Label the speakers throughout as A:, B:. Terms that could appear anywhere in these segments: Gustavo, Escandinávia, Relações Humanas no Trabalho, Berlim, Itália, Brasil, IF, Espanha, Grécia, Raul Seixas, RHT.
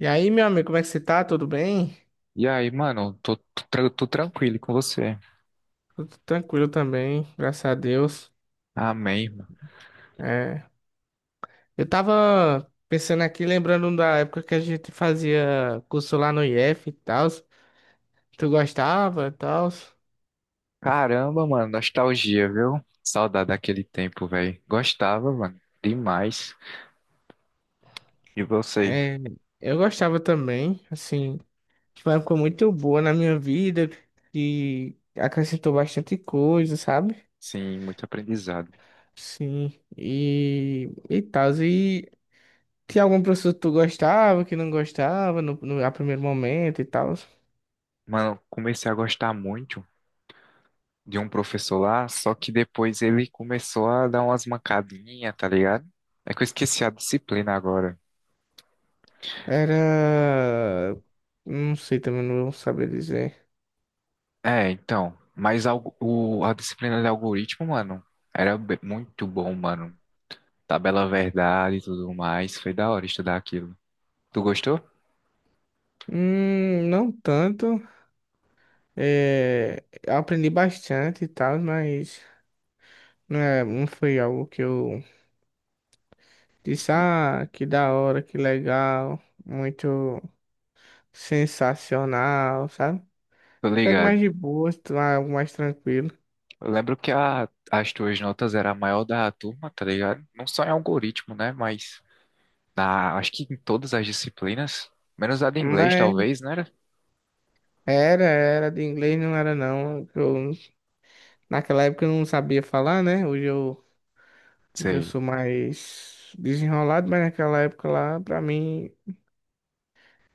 A: E aí, meu amigo, como é que você tá? Tudo bem?
B: E aí, mano, tô tranquilo com você.
A: Tudo tranquilo também, graças a Deus.
B: Amém, mano.
A: É, eu tava pensando aqui, lembrando da época que a gente fazia curso lá no IF e tal. Tu gostava e tal?
B: Caramba, mano, nostalgia, viu? Saudade daquele tempo, velho. Gostava, mano, demais. E você?
A: É, eu gostava também, assim, foi uma época muito boa na minha vida, que acrescentou bastante coisa, sabe?
B: Sim, muito aprendizado.
A: Sim, e tal. E tinha algum professor que tu gostava, que não gostava no, no, a primeiro momento e tal?
B: Mano, comecei a gostar muito de um professor lá, só que depois ele começou a dar umas mancadinhas, tá ligado? É que eu esqueci a disciplina agora.
A: Era. Não sei, também não vou saber dizer.
B: É, então, mas a disciplina de algoritmo, mano, muito bom, mano. Tabela verdade e tudo mais. Foi da hora estudar aquilo. Tu gostou?
A: Não tanto. É, eu aprendi bastante e tal, mas não, é, não foi algo que eu disse,
B: Sim.
A: ah, que da hora, que legal, muito sensacional, sabe?
B: Tô
A: Foi algo mais
B: ligado.
A: de boa, algo mais tranquilo.
B: Eu lembro que as tuas notas eram a maior da turma, tá ligado? Não só em algoritmo, né? Mas acho que em todas as disciplinas, menos a de inglês,
A: Mas
B: talvez, né?
A: era, era de inglês, não era não. Eu, naquela época eu não sabia falar, né? Hoje eu hoje eu
B: Sei.
A: sou mais desenrolado, mas naquela época lá, pra mim,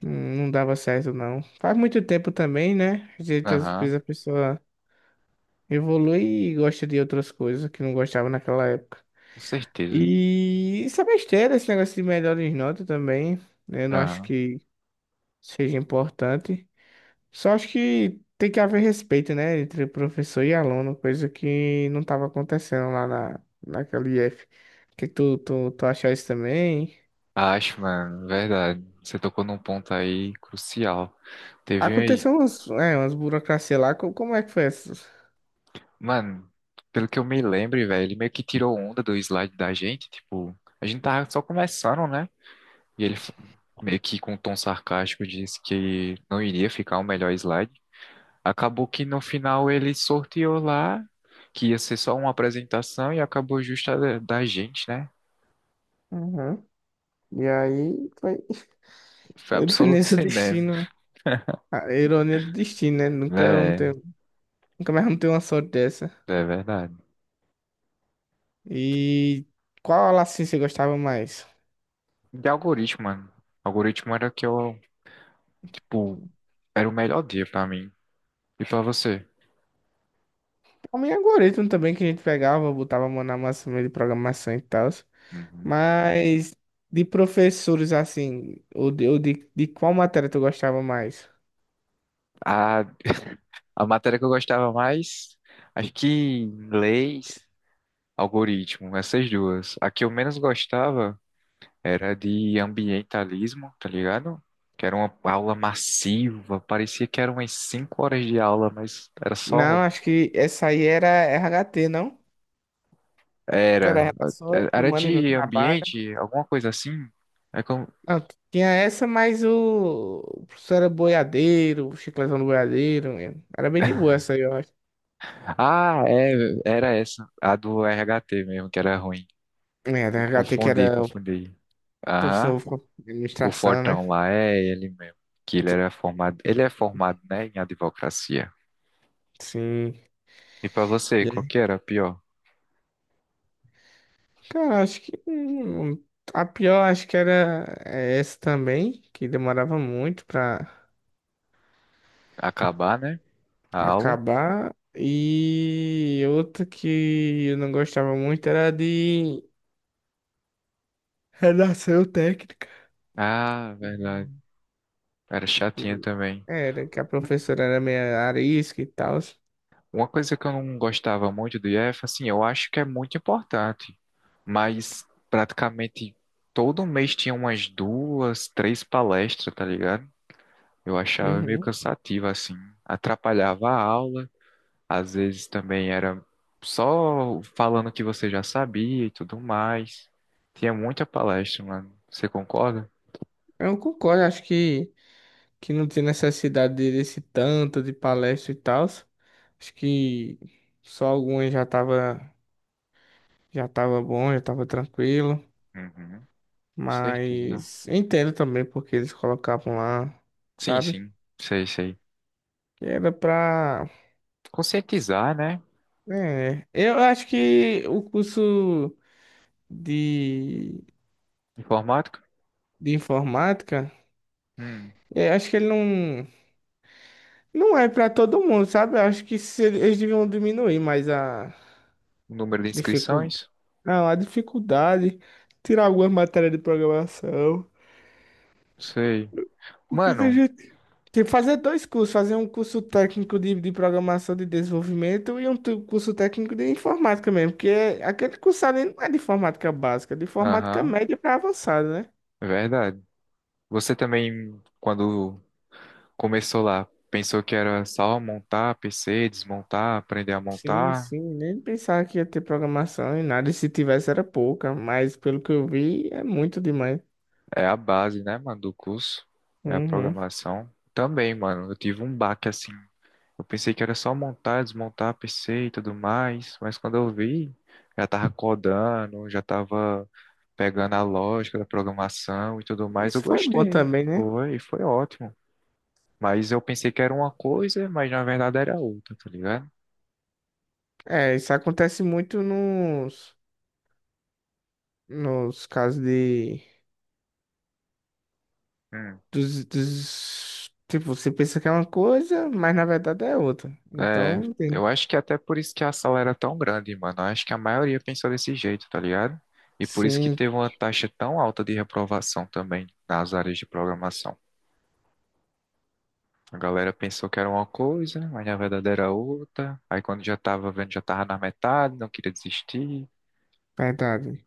A: não dava certo, não. Faz muito tempo também, né? Às vezes às
B: Aham,
A: vezes a pessoa evolui e gosta de outras coisas que não gostava naquela época.
B: com certeza.
A: E isso é besteira, esse negócio de melhores notas também, né? Eu não acho
B: Aham.
A: que seja importante. Só acho que tem que haver respeito, né? Entre professor e aluno, coisa que não estava acontecendo naquela IF. Que tu achar isso também?
B: Acho, mano, verdade. Você tocou num ponto aí crucial. Teve aí.
A: Aconteceu umas, é, umas burocracias lá, co- como é que foi essas?
B: Mano, pelo que eu me lembro, velho, ele meio que tirou onda do slide da gente. Tipo, a gente tava só começando, né? E ele meio que com um tom sarcástico disse que não iria ficar o melhor slide. Acabou que no final ele sorteou lá, que ia ser só uma apresentação e acabou justa da gente, né?
A: Uhum. E aí foi
B: Foi absoluto
A: ironia do
B: cinema.
A: destino. A ironia do destino, né? Nunca vamos
B: É,
A: ter, nunca mais vamos ter uma sorte dessa.
B: é verdade.
A: E qual aula assim você gostava mais?
B: De algoritmo, mano. Algoritmo era que eu, tipo, era o melhor dia pra mim. E pra você?
A: O meu algoritmo também que a gente pegava, botava a mão na massa meio de programação e tal.
B: Uhum.
A: Mas de professores assim, de qual matéria tu gostava mais?
B: A, a matéria que eu gostava mais, acho que leis, algoritmo, essas duas. A que eu menos gostava era de ambientalismo, tá ligado? Que era uma aula massiva, parecia que eram umas 5 horas de aula, mas era
A: Não,
B: só.
A: acho que essa aí era RHT, não? Que
B: Era.
A: era Relações
B: Era
A: Humanas no
B: de
A: Trabalho.
B: ambiente, alguma coisa assim. É como...
A: Não, tinha essa, mas o professor era boiadeiro, o chicletão do boiadeiro, né? Era bem de boa essa aí, eu acho.
B: Ah, é, era essa, a do RHT mesmo, que era ruim.
A: É,
B: Eu
A: da HT que
B: confundi,
A: era o
B: confundi. Aham,
A: professor de
B: o
A: administração, né?
B: Fortão lá, é ele mesmo. Que ele era formado, ele é formado, né, em advocacia.
A: Sim.
B: E pra você,
A: E
B: qual
A: aí?
B: que era a pior?
A: Cara, acho que a pior acho que era é, essa também, que demorava muito
B: Acabar, né, a
A: pra
B: aula?
A: acabar. E outra que eu não gostava muito era de redação técnica.
B: Ah, verdade. Era chatinha
A: Que
B: também.
A: Era que a professora era meio arisca e tal.
B: Uma coisa que eu não gostava muito do IF, assim, eu acho que é muito importante, mas praticamente todo mês tinha umas duas, três palestras, tá ligado? Eu achava meio
A: Uhum.
B: cansativo, assim, atrapalhava a aula, às vezes também era só falando o que você já sabia e tudo mais. Tinha muita palestra, mano. Você concorda?
A: Eu concordo, que não tem necessidade de- desse tanto de palestra e tal. Acho que só algumas já tava bom, já tava tranquilo.
B: Uhum, com certeza.
A: Mas entendo também porque eles colocavam lá,
B: Sim,
A: sabe?
B: sim, sei, sei.
A: Que era pra.
B: Conscientizar, né?
A: É, eu acho que o curso de,
B: Informática.
A: de informática,
B: Hum,
A: é, acho que ele não, não é pra todo mundo, sabe? Eu acho que se- eles deviam diminuir mais a
B: o número de
A: dificuldade.
B: inscrições?
A: Não, a dificuldade, tirar algumas matérias de programação.
B: Sei.
A: Porque tem
B: Mano,
A: gente. Tem que fazer dois cursos, fazer um curso técnico de programação de desenvolvimento e um tu- curso técnico de informática mesmo. Porque é- aquele curso ali não é de informática básica, é de informática
B: aham,
A: média para avançada, né?
B: é verdade. Você também, quando começou lá, pensou que era só montar PC, desmontar, aprender a
A: Sim,
B: montar?
A: sim, nem pensava que ia ter programação e nada, e se tivesse era pouca, mas pelo que eu vi é muito demais.
B: É a base, né, mano, do curso. É a
A: Uhum.
B: programação. Também, mano, eu tive um baque assim. Eu pensei que era só montar, desmontar PC e tudo mais, mas quando eu vi, já tava codando, já tava pegando a lógica da programação e tudo mais,
A: Isso
B: eu
A: foi bom
B: gostei.
A: também, né?
B: Foi ótimo. Mas eu pensei que era uma coisa, mas na verdade era outra, tá ligado?
A: É, isso acontece muito nos casos de
B: Hum.
A: dos, dos- Tipo, você pensa que é uma coisa, mas na verdade é outra.
B: É,
A: Então, tem.
B: eu acho que até por isso que a sala era tão grande, mano. Eu acho que a maioria pensou desse jeito, tá ligado? E por isso que
A: Sim,
B: teve uma taxa tão alta de reprovação também nas áreas de programação. A galera pensou que era uma coisa, mas na verdade era outra. Aí quando já tava vendo, já tava na metade, não queria desistir.
A: verdade.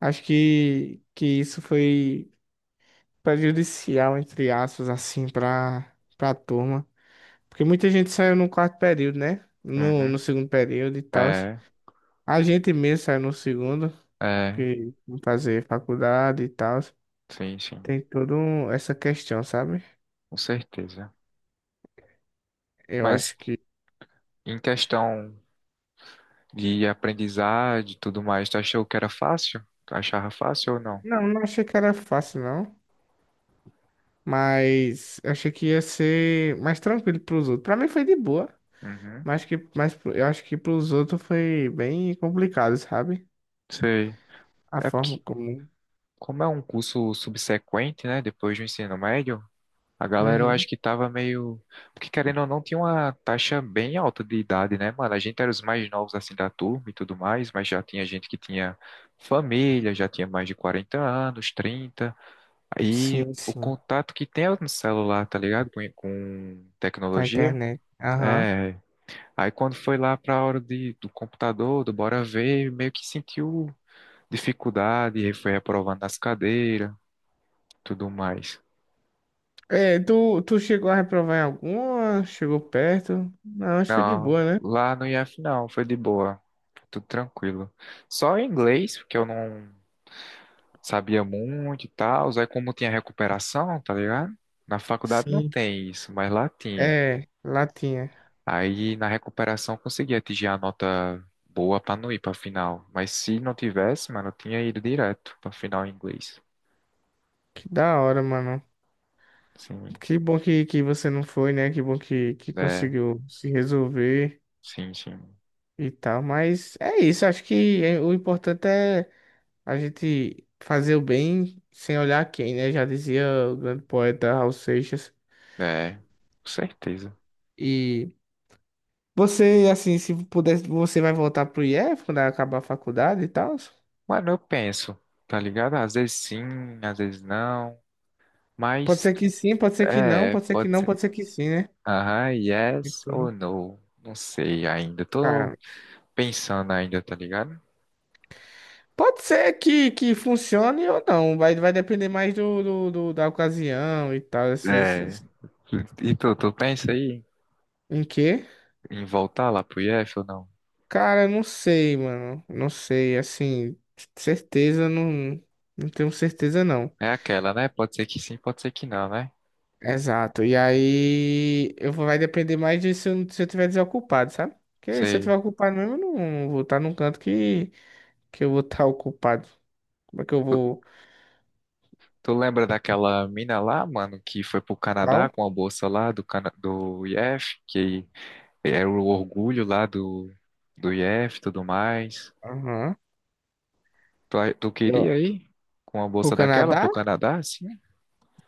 A: Que isso foi prejudicial, entre aspas, assim, pra turma. Porque muita gente saiu no quarto período, né? No
B: Uhum.
A: segundo período e tal.
B: É,
A: A gente mesmo saiu no segundo,
B: é,
A: porque não fazer faculdade e tal.
B: sim, sim,
A: Tem toda um, essa questão, sabe?
B: com certeza.
A: Eu
B: Mas
A: acho que.
B: em questão de aprendizagem e tudo mais. Tu achou que era fácil? Tu achava fácil ou não?
A: Não, não achei que era fácil, não. Mas eu achei que ia ser mais tranquilo pros outros. Pra mim foi de boa,
B: Uhum,
A: mas que mas pro- eu acho que pros outros foi bem complicado, sabe?
B: sei.
A: A
B: É
A: forma
B: porque,
A: como.
B: como é um curso subsequente, né, depois do ensino médio, a galera eu
A: Uhum.
B: acho que tava meio. Porque querendo ou não, tinha uma taxa bem alta de idade, né, mano? A gente era os mais novos assim da turma e tudo mais, mas já tinha gente que tinha família, já tinha mais de 40 anos, trinta. Aí
A: Sim,
B: o
A: sim.
B: contato que tem é no celular, tá ligado? Com
A: Com a
B: tecnologia.
A: internet. Aham.
B: É, aí quando foi lá para a hora do computador, do bora ver, meio que sentiu dificuldade, e foi reprovando nas cadeiras, tudo mais.
A: É, tu chegou a reprovar em alguma? Chegou perto? Não, acho que foi de
B: Não,
A: boa, né?
B: lá no IF não, foi de boa, tudo tranquilo. Só em inglês, porque eu não sabia muito e tal, aí como tinha recuperação, tá ligado? Na faculdade não
A: Sim.
B: tem isso, mas lá tinha.
A: É, lá tinha.
B: Aí na recuperação eu consegui atingir a nota boa para não ir para final, mas se não tivesse, mano, eu tinha ido direto para final em inglês.
A: Que da hora, mano.
B: Sim.
A: Que bom que você não foi, né? Que bom que
B: É,
A: conseguiu se resolver
B: sim, sim.
A: e tal. Mas é isso, acho que é- o importante é a gente fazer o bem sem olhar quem, né? Já dizia o grande poeta Raul Seixas.
B: É, com certeza.
A: E você, assim, se pudesse, você vai voltar pro IF quando acabar a faculdade e tal?
B: Mano, eu penso, tá ligado? Às vezes sim, às vezes não.
A: Pode
B: Mas,
A: ser que sim, pode ser que não,
B: é,
A: pode ser que
B: pode
A: não,
B: ser.
A: pode ser que sim, né?
B: Aham, yes
A: Então,
B: ou no. Não sei ainda. Tô
A: cara,
B: pensando ainda, tá ligado?
A: pode ser que funcione ou não, vai, vai depender mais do- da ocasião e tal, esses,
B: É.
A: esses-
B: E tu pensa aí
A: em quê?
B: em voltar lá pro IF ou não?
A: Cara, eu não sei, mano. Não sei, assim, certeza não, não tenho certeza não.
B: É aquela, né? Pode ser que sim, pode ser que não, né?
A: Exato. E aí eu vou, vai depender mais de se eu tiver desocupado, sabe? Porque se eu
B: Sei.
A: tiver ocupado mesmo, eu não vou estar num canto que eu vou estar ocupado. Como é que eu
B: Tu,
A: vou?
B: tu lembra daquela mina lá, mano, que foi pro Canadá
A: Qual?
B: com a bolsa lá Cana do IF, que era o orgulho lá do IF e tudo mais.
A: Aham.
B: Tu
A: Eu-
B: queria ir com uma
A: O
B: bolsa daquela pro
A: Canadá?
B: Canadá? Sim.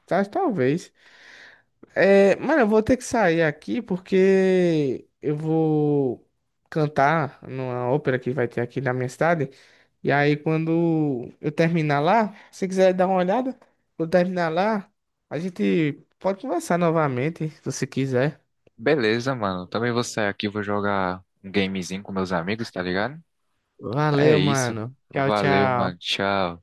A: Tá, talvez. É, mano, eu vou ter que sair aqui porque eu vou cantar numa ópera que vai ter aqui na minha cidade. E aí, quando eu terminar lá, se você quiser dar uma olhada, quando terminar lá, a gente pode conversar novamente, se você quiser.
B: Beleza, mano. Também vou sair aqui, vou jogar um gamezinho com meus amigos, tá ligado? É
A: Valeu,
B: isso.
A: mano. Tchau,
B: Valeu, mano.
A: tchau.
B: Tchau.